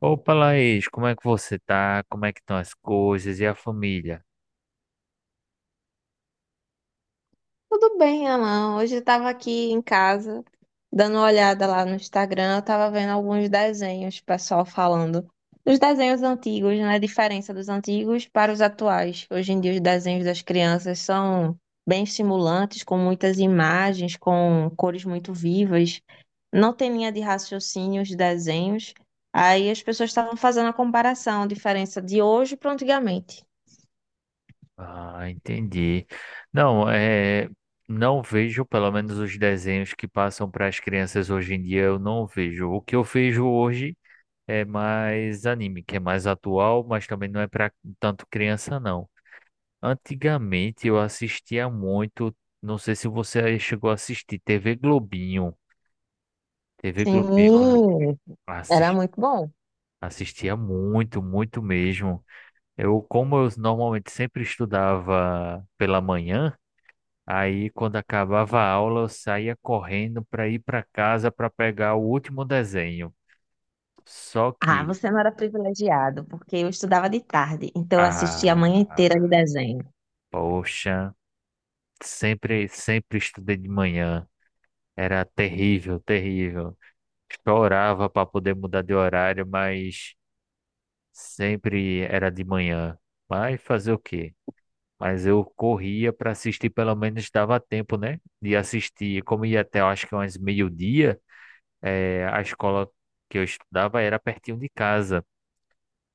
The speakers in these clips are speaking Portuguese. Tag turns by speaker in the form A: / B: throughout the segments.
A: Opa, Laís, como é que você tá? Como é que estão as coisas e a família?
B: Tudo bem, Alan. Hoje eu estava aqui em casa, dando uma olhada lá no Instagram, eu estava vendo alguns desenhos, pessoal falando. Os desenhos antigos, né? A diferença dos antigos para os atuais. Hoje em dia, os desenhos das crianças são bem estimulantes, com muitas imagens, com cores muito vivas. Não tem linha de raciocínio os desenhos. Aí as pessoas estavam fazendo a comparação, a diferença de hoje para antigamente.
A: Ah, entendi. Não, é, não vejo, pelo menos os desenhos que passam para as crianças hoje em dia, eu não vejo. O que eu vejo hoje é mais anime, que é mais atual, mas também não é para tanto criança, não. Antigamente eu assistia muito, não sei se você chegou a assistir, TV Globinho. TV Globinho,
B: Sim, era
A: assisti-
B: muito bom.
A: assistia muito, muito mesmo. Como eu normalmente sempre estudava pela manhã, aí quando acabava a aula eu saía correndo para ir para casa para pegar o último desenho. Só
B: Ah,
A: que,
B: você não era privilegiado, porque eu estudava de tarde, então eu assistia a manhã inteira de
A: ah,
B: desenho.
A: poxa, sempre, sempre estudei de manhã. Era terrível, terrível. Chorava para poder mudar de horário, mas sempre era de manhã. Mas fazer o quê? Mas eu corria para assistir, pelo menos dava tempo, né? De assistir. Como ia até, eu acho que umas meio-dia, a escola que eu estudava era pertinho de casa.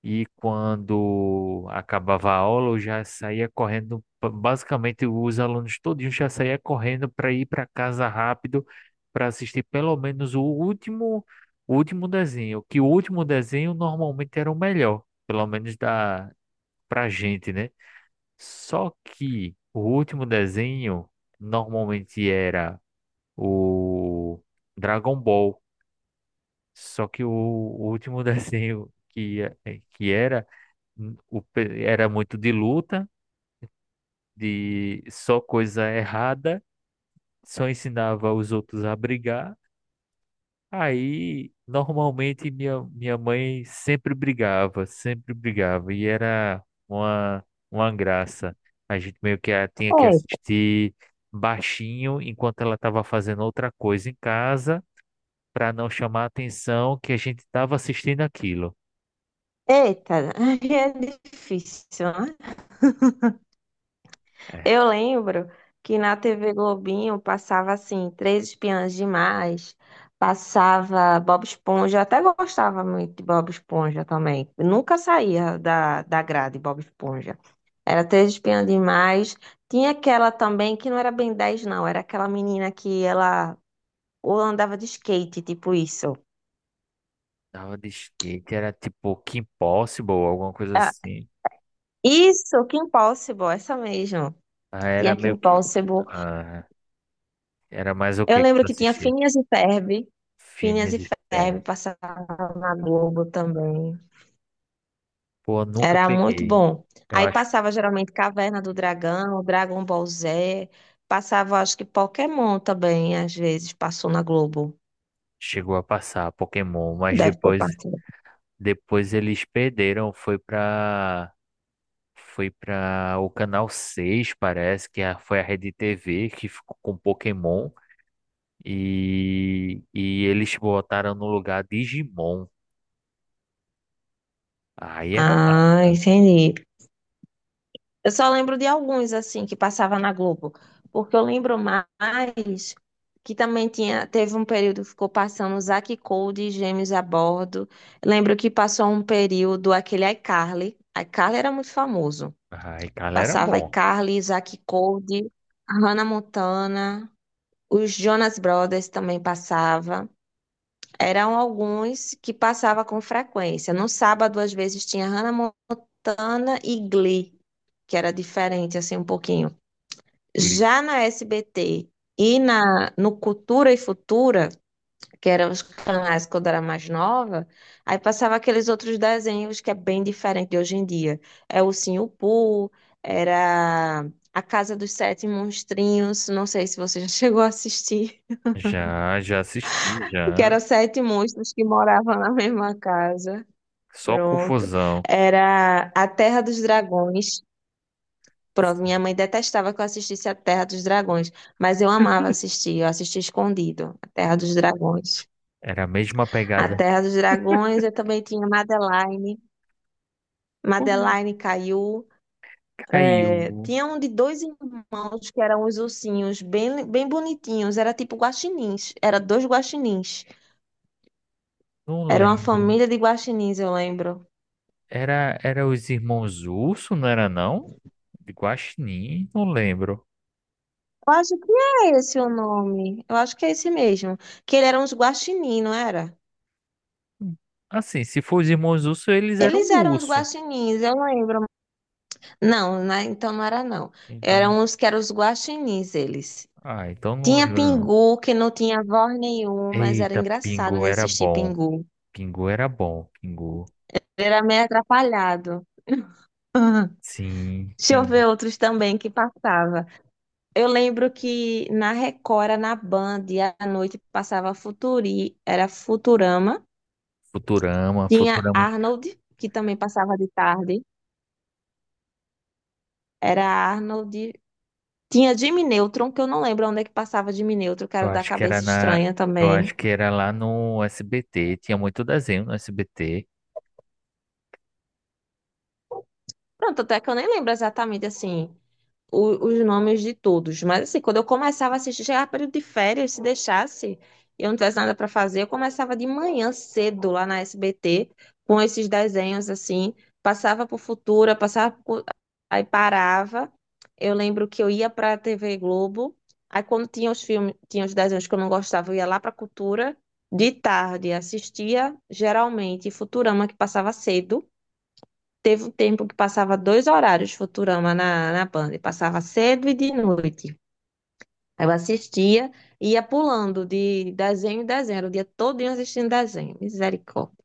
A: E quando acabava a aula, eu já saía correndo. Basicamente, os alunos todos já saía correndo para ir para casa rápido para assistir pelo menos o último desenho. Que o último desenho normalmente era o melhor, pelo menos pra gente, né? Só que o último desenho normalmente era o Dragon Ball. Só que o último desenho que era muito de luta, de só coisa errada, só ensinava os outros a brigar. Aí, normalmente, minha mãe sempre brigava, e era uma graça. A gente meio que tinha que assistir baixinho enquanto ela estava fazendo outra coisa em casa, para não chamar a atenção que a gente estava assistindo aquilo.
B: É, eita, aí é difícil, né?
A: É,
B: Eu lembro que na TV Globinho passava assim, Três Espiãs Demais, passava Bob Esponja, eu até gostava muito de Bob Esponja também. Eu nunca saía da grade Bob Esponja. Era Três Espiãs Demais. Tinha aquela também que não era bem 10, não, era aquela menina que ela ou andava de skate, tipo isso.
A: tava de skate, era tipo Kim Possible, alguma coisa assim.
B: Isso, Kim Possible, essa mesmo.
A: Ah, era
B: Tinha Kim
A: meio que.
B: Possible.
A: Ah, era mais o
B: Eu
A: que que
B: lembro
A: tu
B: que tinha
A: assistia?
B: Phineas e Ferb. Phineas
A: Phineas
B: e
A: e
B: Ferb
A: Ferb.
B: passava na Globo também.
A: Pô, eu nunca
B: Era muito
A: peguei.
B: bom.
A: Eu
B: Aí
A: acho.
B: passava geralmente Caverna do Dragão, Dragon Ball Z. Passava, acho que Pokémon também, às vezes, passou na Globo.
A: Chegou a passar Pokémon, mas
B: Deve ter
A: depois
B: passado.
A: depois eles perderam, foi para o canal seis. Parece que foi a Rede TV que ficou com Pokémon e eles botaram no lugar Digimon. Aí era
B: Ah,
A: massa.
B: entendi. Eu só lembro de alguns, assim, que passava na Globo. Porque eu lembro mais que também tinha, teve um período que ficou passando Zack e Cody, Gêmeos a Bordo. Lembro que passou um período aquele iCarly. iCarly era muito famoso.
A: Aí, cara, era
B: Passava
A: bom.
B: iCarly, Zack e Cody, Hannah Montana, os Jonas Brothers também passava. Eram alguns que passava com frequência. No sábado, às vezes, tinha Hannah Montana e Glee, que era diferente, assim, um pouquinho.
A: Cli-
B: Já na SBT e no Cultura e Futura, que eram os canais quando eu era mais nova, aí passava aqueles outros desenhos que é bem diferente de hoje em dia. É o Ursinho Pooh, era A Casa dos Sete Monstrinhos, não sei se você já chegou a assistir,
A: Já já assisti
B: que
A: já.
B: eram sete monstros que moravam na mesma casa.
A: Só
B: Pronto.
A: confusão.
B: Era A Terra dos Dragões, pronto,
A: Sim.
B: minha mãe detestava que eu assistisse a Terra dos Dragões, mas eu amava assistir, eu assisti escondido, a Terra dos Dragões.
A: Era a mesma
B: A
A: pegada.
B: Terra dos Dragões, eu também tinha Madeline,
A: Todo mundo
B: Madeline Caillou, é,
A: caiu.
B: tinha um de dois irmãos que eram os ursinhos, bem, bem bonitinhos, era tipo guaxinins, era dois guaxinins,
A: Não
B: era uma
A: lembro.
B: família de guaxinins, eu lembro.
A: Era os irmãos Urso, não era não? De Guaxinim, não lembro.
B: Eu acho que é esse o nome, eu acho que é esse mesmo, que eles eram uns guaxinins, não era?
A: Assim, se for os irmãos Urso, eles eram
B: Eles eram uns
A: urso.
B: guaxinins, eu lembro, não, então não era não.
A: Então,
B: Eram os que eram os guaxinins, eles.
A: então não
B: Tinha
A: lembro não.
B: Pingu, que não tinha voz nenhuma, mas era
A: Eita,
B: engraçado
A: Pingu
B: de
A: era
B: assistir
A: bom.
B: Pingu.
A: Pingu era bom, Pingu.
B: Ele era meio atrapalhado. Aham.
A: Sim,
B: Deixa eu ver
A: Pingu.
B: outros também que passava. Eu lembro que na Record, era na Band, e à noite passava Futuri, era Futurama.
A: Futurama,
B: Tinha
A: Futurama.
B: Arnold, que também passava de tarde. Era Arnold. Tinha Jimmy Neutron, que eu não lembro onde é que passava Jimmy Neutron, que era
A: Eu
B: o da
A: acho que era
B: cabeça
A: na,
B: estranha
A: eu
B: também.
A: acho que era lá no SBT, tinha muito desenho no SBT.
B: Pronto, até que eu nem lembro exatamente assim os nomes de todos, mas assim, quando eu começava a assistir, chegava período de férias, se deixasse, e eu não tivesse nada para fazer, eu começava de manhã cedo lá na SBT com esses desenhos assim, passava por Futura, passava por... aí parava. Eu lembro que eu ia para a TV Globo, aí quando tinha os filmes, tinha os desenhos que eu não gostava, eu ia lá para Cultura de tarde, assistia geralmente Futurama que passava cedo. Teve um tempo que passava dois horários Futurama na Band, passava cedo e de noite. Aí eu assistia e ia pulando de desenho em desenho, era o dia todinho assistindo desenho, misericórdia.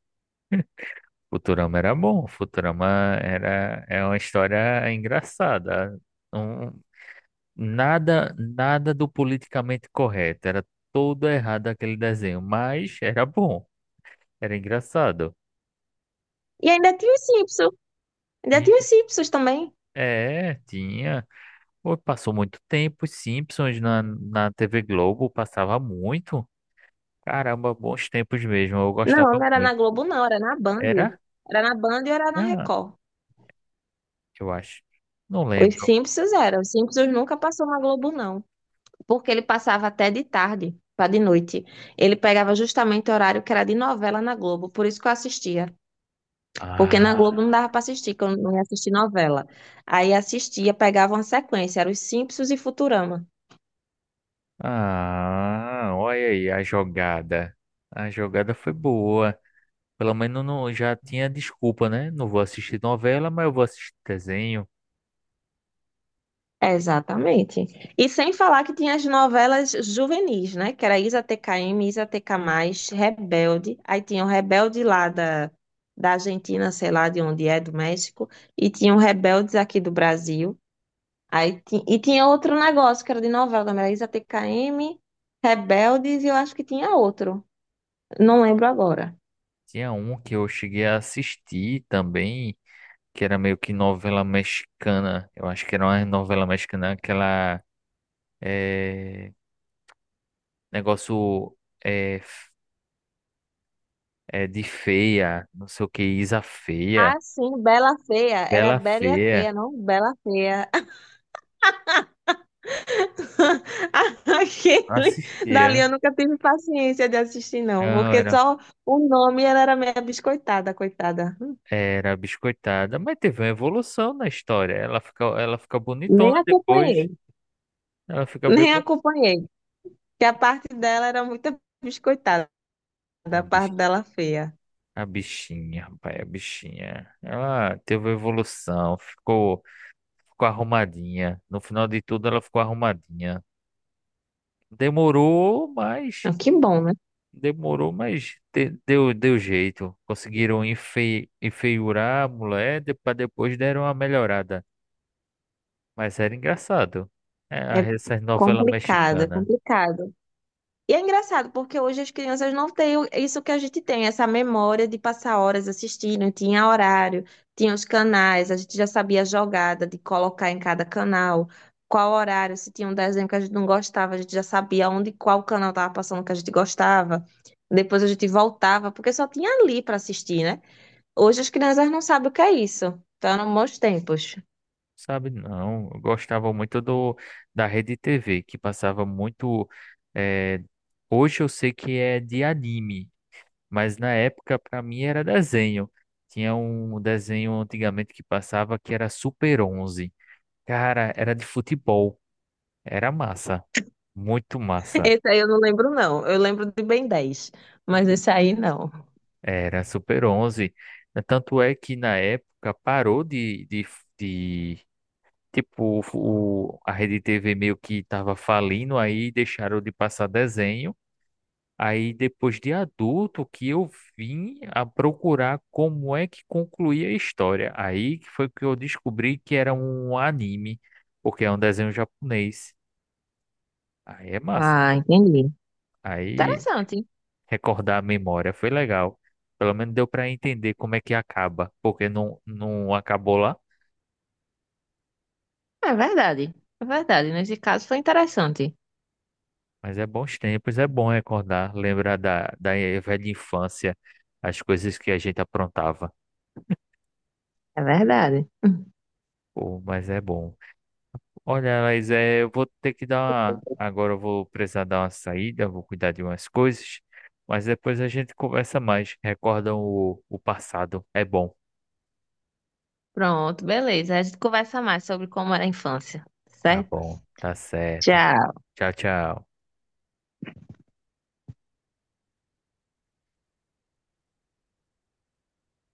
A: Futurama era bom, Futurama era é uma história engraçada. Um, nada, nada do politicamente correto. Era todo errado aquele desenho, mas era bom, era engraçado.
B: E ainda tinha os Simpsons, ainda tinha os
A: E-
B: Simpsons também.
A: É, tinha. Pô, passou muito tempo, os Simpsons na TV Globo passava muito. Caramba, bons tempos mesmo, eu
B: Não,
A: gostava
B: não era
A: muito.
B: na Globo, não, era na Band.
A: Era?
B: Era na Band e era na
A: Ah,
B: Record.
A: eu acho. Não
B: Os
A: lembro.
B: Simpsons eram, os Simpsons nunca passou na Globo, não, porque ele passava até de tarde para de noite. Ele pegava justamente o horário que era de novela na Globo, por isso que eu assistia. Porque na Globo não
A: Ah,
B: dava para assistir, que eu não ia assistir novela. Aí assistia, pegava uma sequência, era os Simpsons e Futurama.
A: olha aí a jogada. A jogada foi boa. Pelo menos não, já tinha desculpa, né? Não vou assistir novela, mas eu vou assistir desenho.
B: Exatamente. E sem falar que tinha as novelas juvenis, né? Que era Isa TKM, Isa TK+, Rebelde. Aí tinha o Rebelde lá da Argentina, sei lá de onde é, do México. E tinha o Rebeldes aqui do Brasil. Aí e tinha outro negócio que era de novela também, era Isa TKM, Rebeldes e eu acho que tinha outro. Não lembro agora.
A: Tinha um que eu cheguei a assistir também, que era meio que novela mexicana. Eu acho que era uma novela mexicana, aquela é, negócio é, é de feia, não sei o que, Isa Feia,
B: Ah, sim, Bela Feia. Era
A: Bela
B: Bela e a
A: Feia.
B: Feia, não Bela Feia.
A: Não
B: Aquele dali eu
A: assistia.
B: nunca tive paciência de assistir, não,
A: Não,
B: porque
A: era,
B: só o nome ela era meio biscoitada, coitada.
A: era biscoitada, mas teve uma evolução na história. Ela fica
B: Nem
A: bonitona depois.
B: acompanhei,
A: Ela fica bem
B: nem acompanhei, que a parte dela era muito biscoitada, a parte
A: bonita.
B: dela feia.
A: A bichinha, rapaz, a bichinha. Ela teve evolução, ficou arrumadinha. No final de tudo, ela ficou arrumadinha. Demorou, mas
B: Ah, que bom, né?
A: demorou, mas deu jeito. Conseguiram enfeiurar a mulher, para depois deram uma melhorada. Mas era engraçado.
B: É
A: É, essas novelas
B: complicado, é
A: mexicanas.
B: complicado. E é engraçado, porque hoje as crianças não têm isso que a gente tem, essa memória de passar horas assistindo, tinha horário, tinha os canais, a gente já sabia a jogada de colocar em cada canal, qual horário, se tinha um desenho que a gente não gostava, a gente já sabia onde, qual canal estava passando que a gente gostava. Depois a gente voltava, porque só tinha ali para assistir, né? Hoje as crianças não sabem o que é isso. Então eram bons tempos.
A: Sabe, não. Eu gostava muito do da Rede TV, que passava muito. eh, hoje eu sei que é de anime. Mas na época, para mim, era desenho. Tinha um desenho antigamente que passava que era Super Onze. Cara, era de futebol. Era massa. Muito massa.
B: Esse aí eu não lembro, não. Eu lembro de Ben 10 mas esse aí não.
A: Era Super Onze. Tanto é que na época parou de tipo, a Rede TV meio que estava falindo, aí deixaram de passar desenho. Aí depois de adulto que eu vim a procurar como é que concluía a história. Aí que foi que eu descobri que era um anime, porque é um desenho japonês. Aí é massa.
B: Ah, entendi.
A: Aí
B: Interessante.
A: recordar a memória foi legal. Pelo menos deu para entender como é que acaba, porque não acabou lá.
B: É verdade. É verdade. Nesse caso foi interessante.
A: Mas é bons tempos, é bom recordar, lembrar da velha infância, as coisas que a gente aprontava.
B: É verdade.
A: Pô, mas é bom. Olha, mas é, eu vou ter que dar uma... Agora eu vou precisar dar uma saída, vou cuidar de umas coisas, mas depois a gente conversa mais. Recordam o passado. É bom.
B: Pronto, beleza. A gente conversa mais sobre como era a infância,
A: Tá
B: certo?
A: bom, tá certo.
B: Tchau.
A: Tchau, tchau.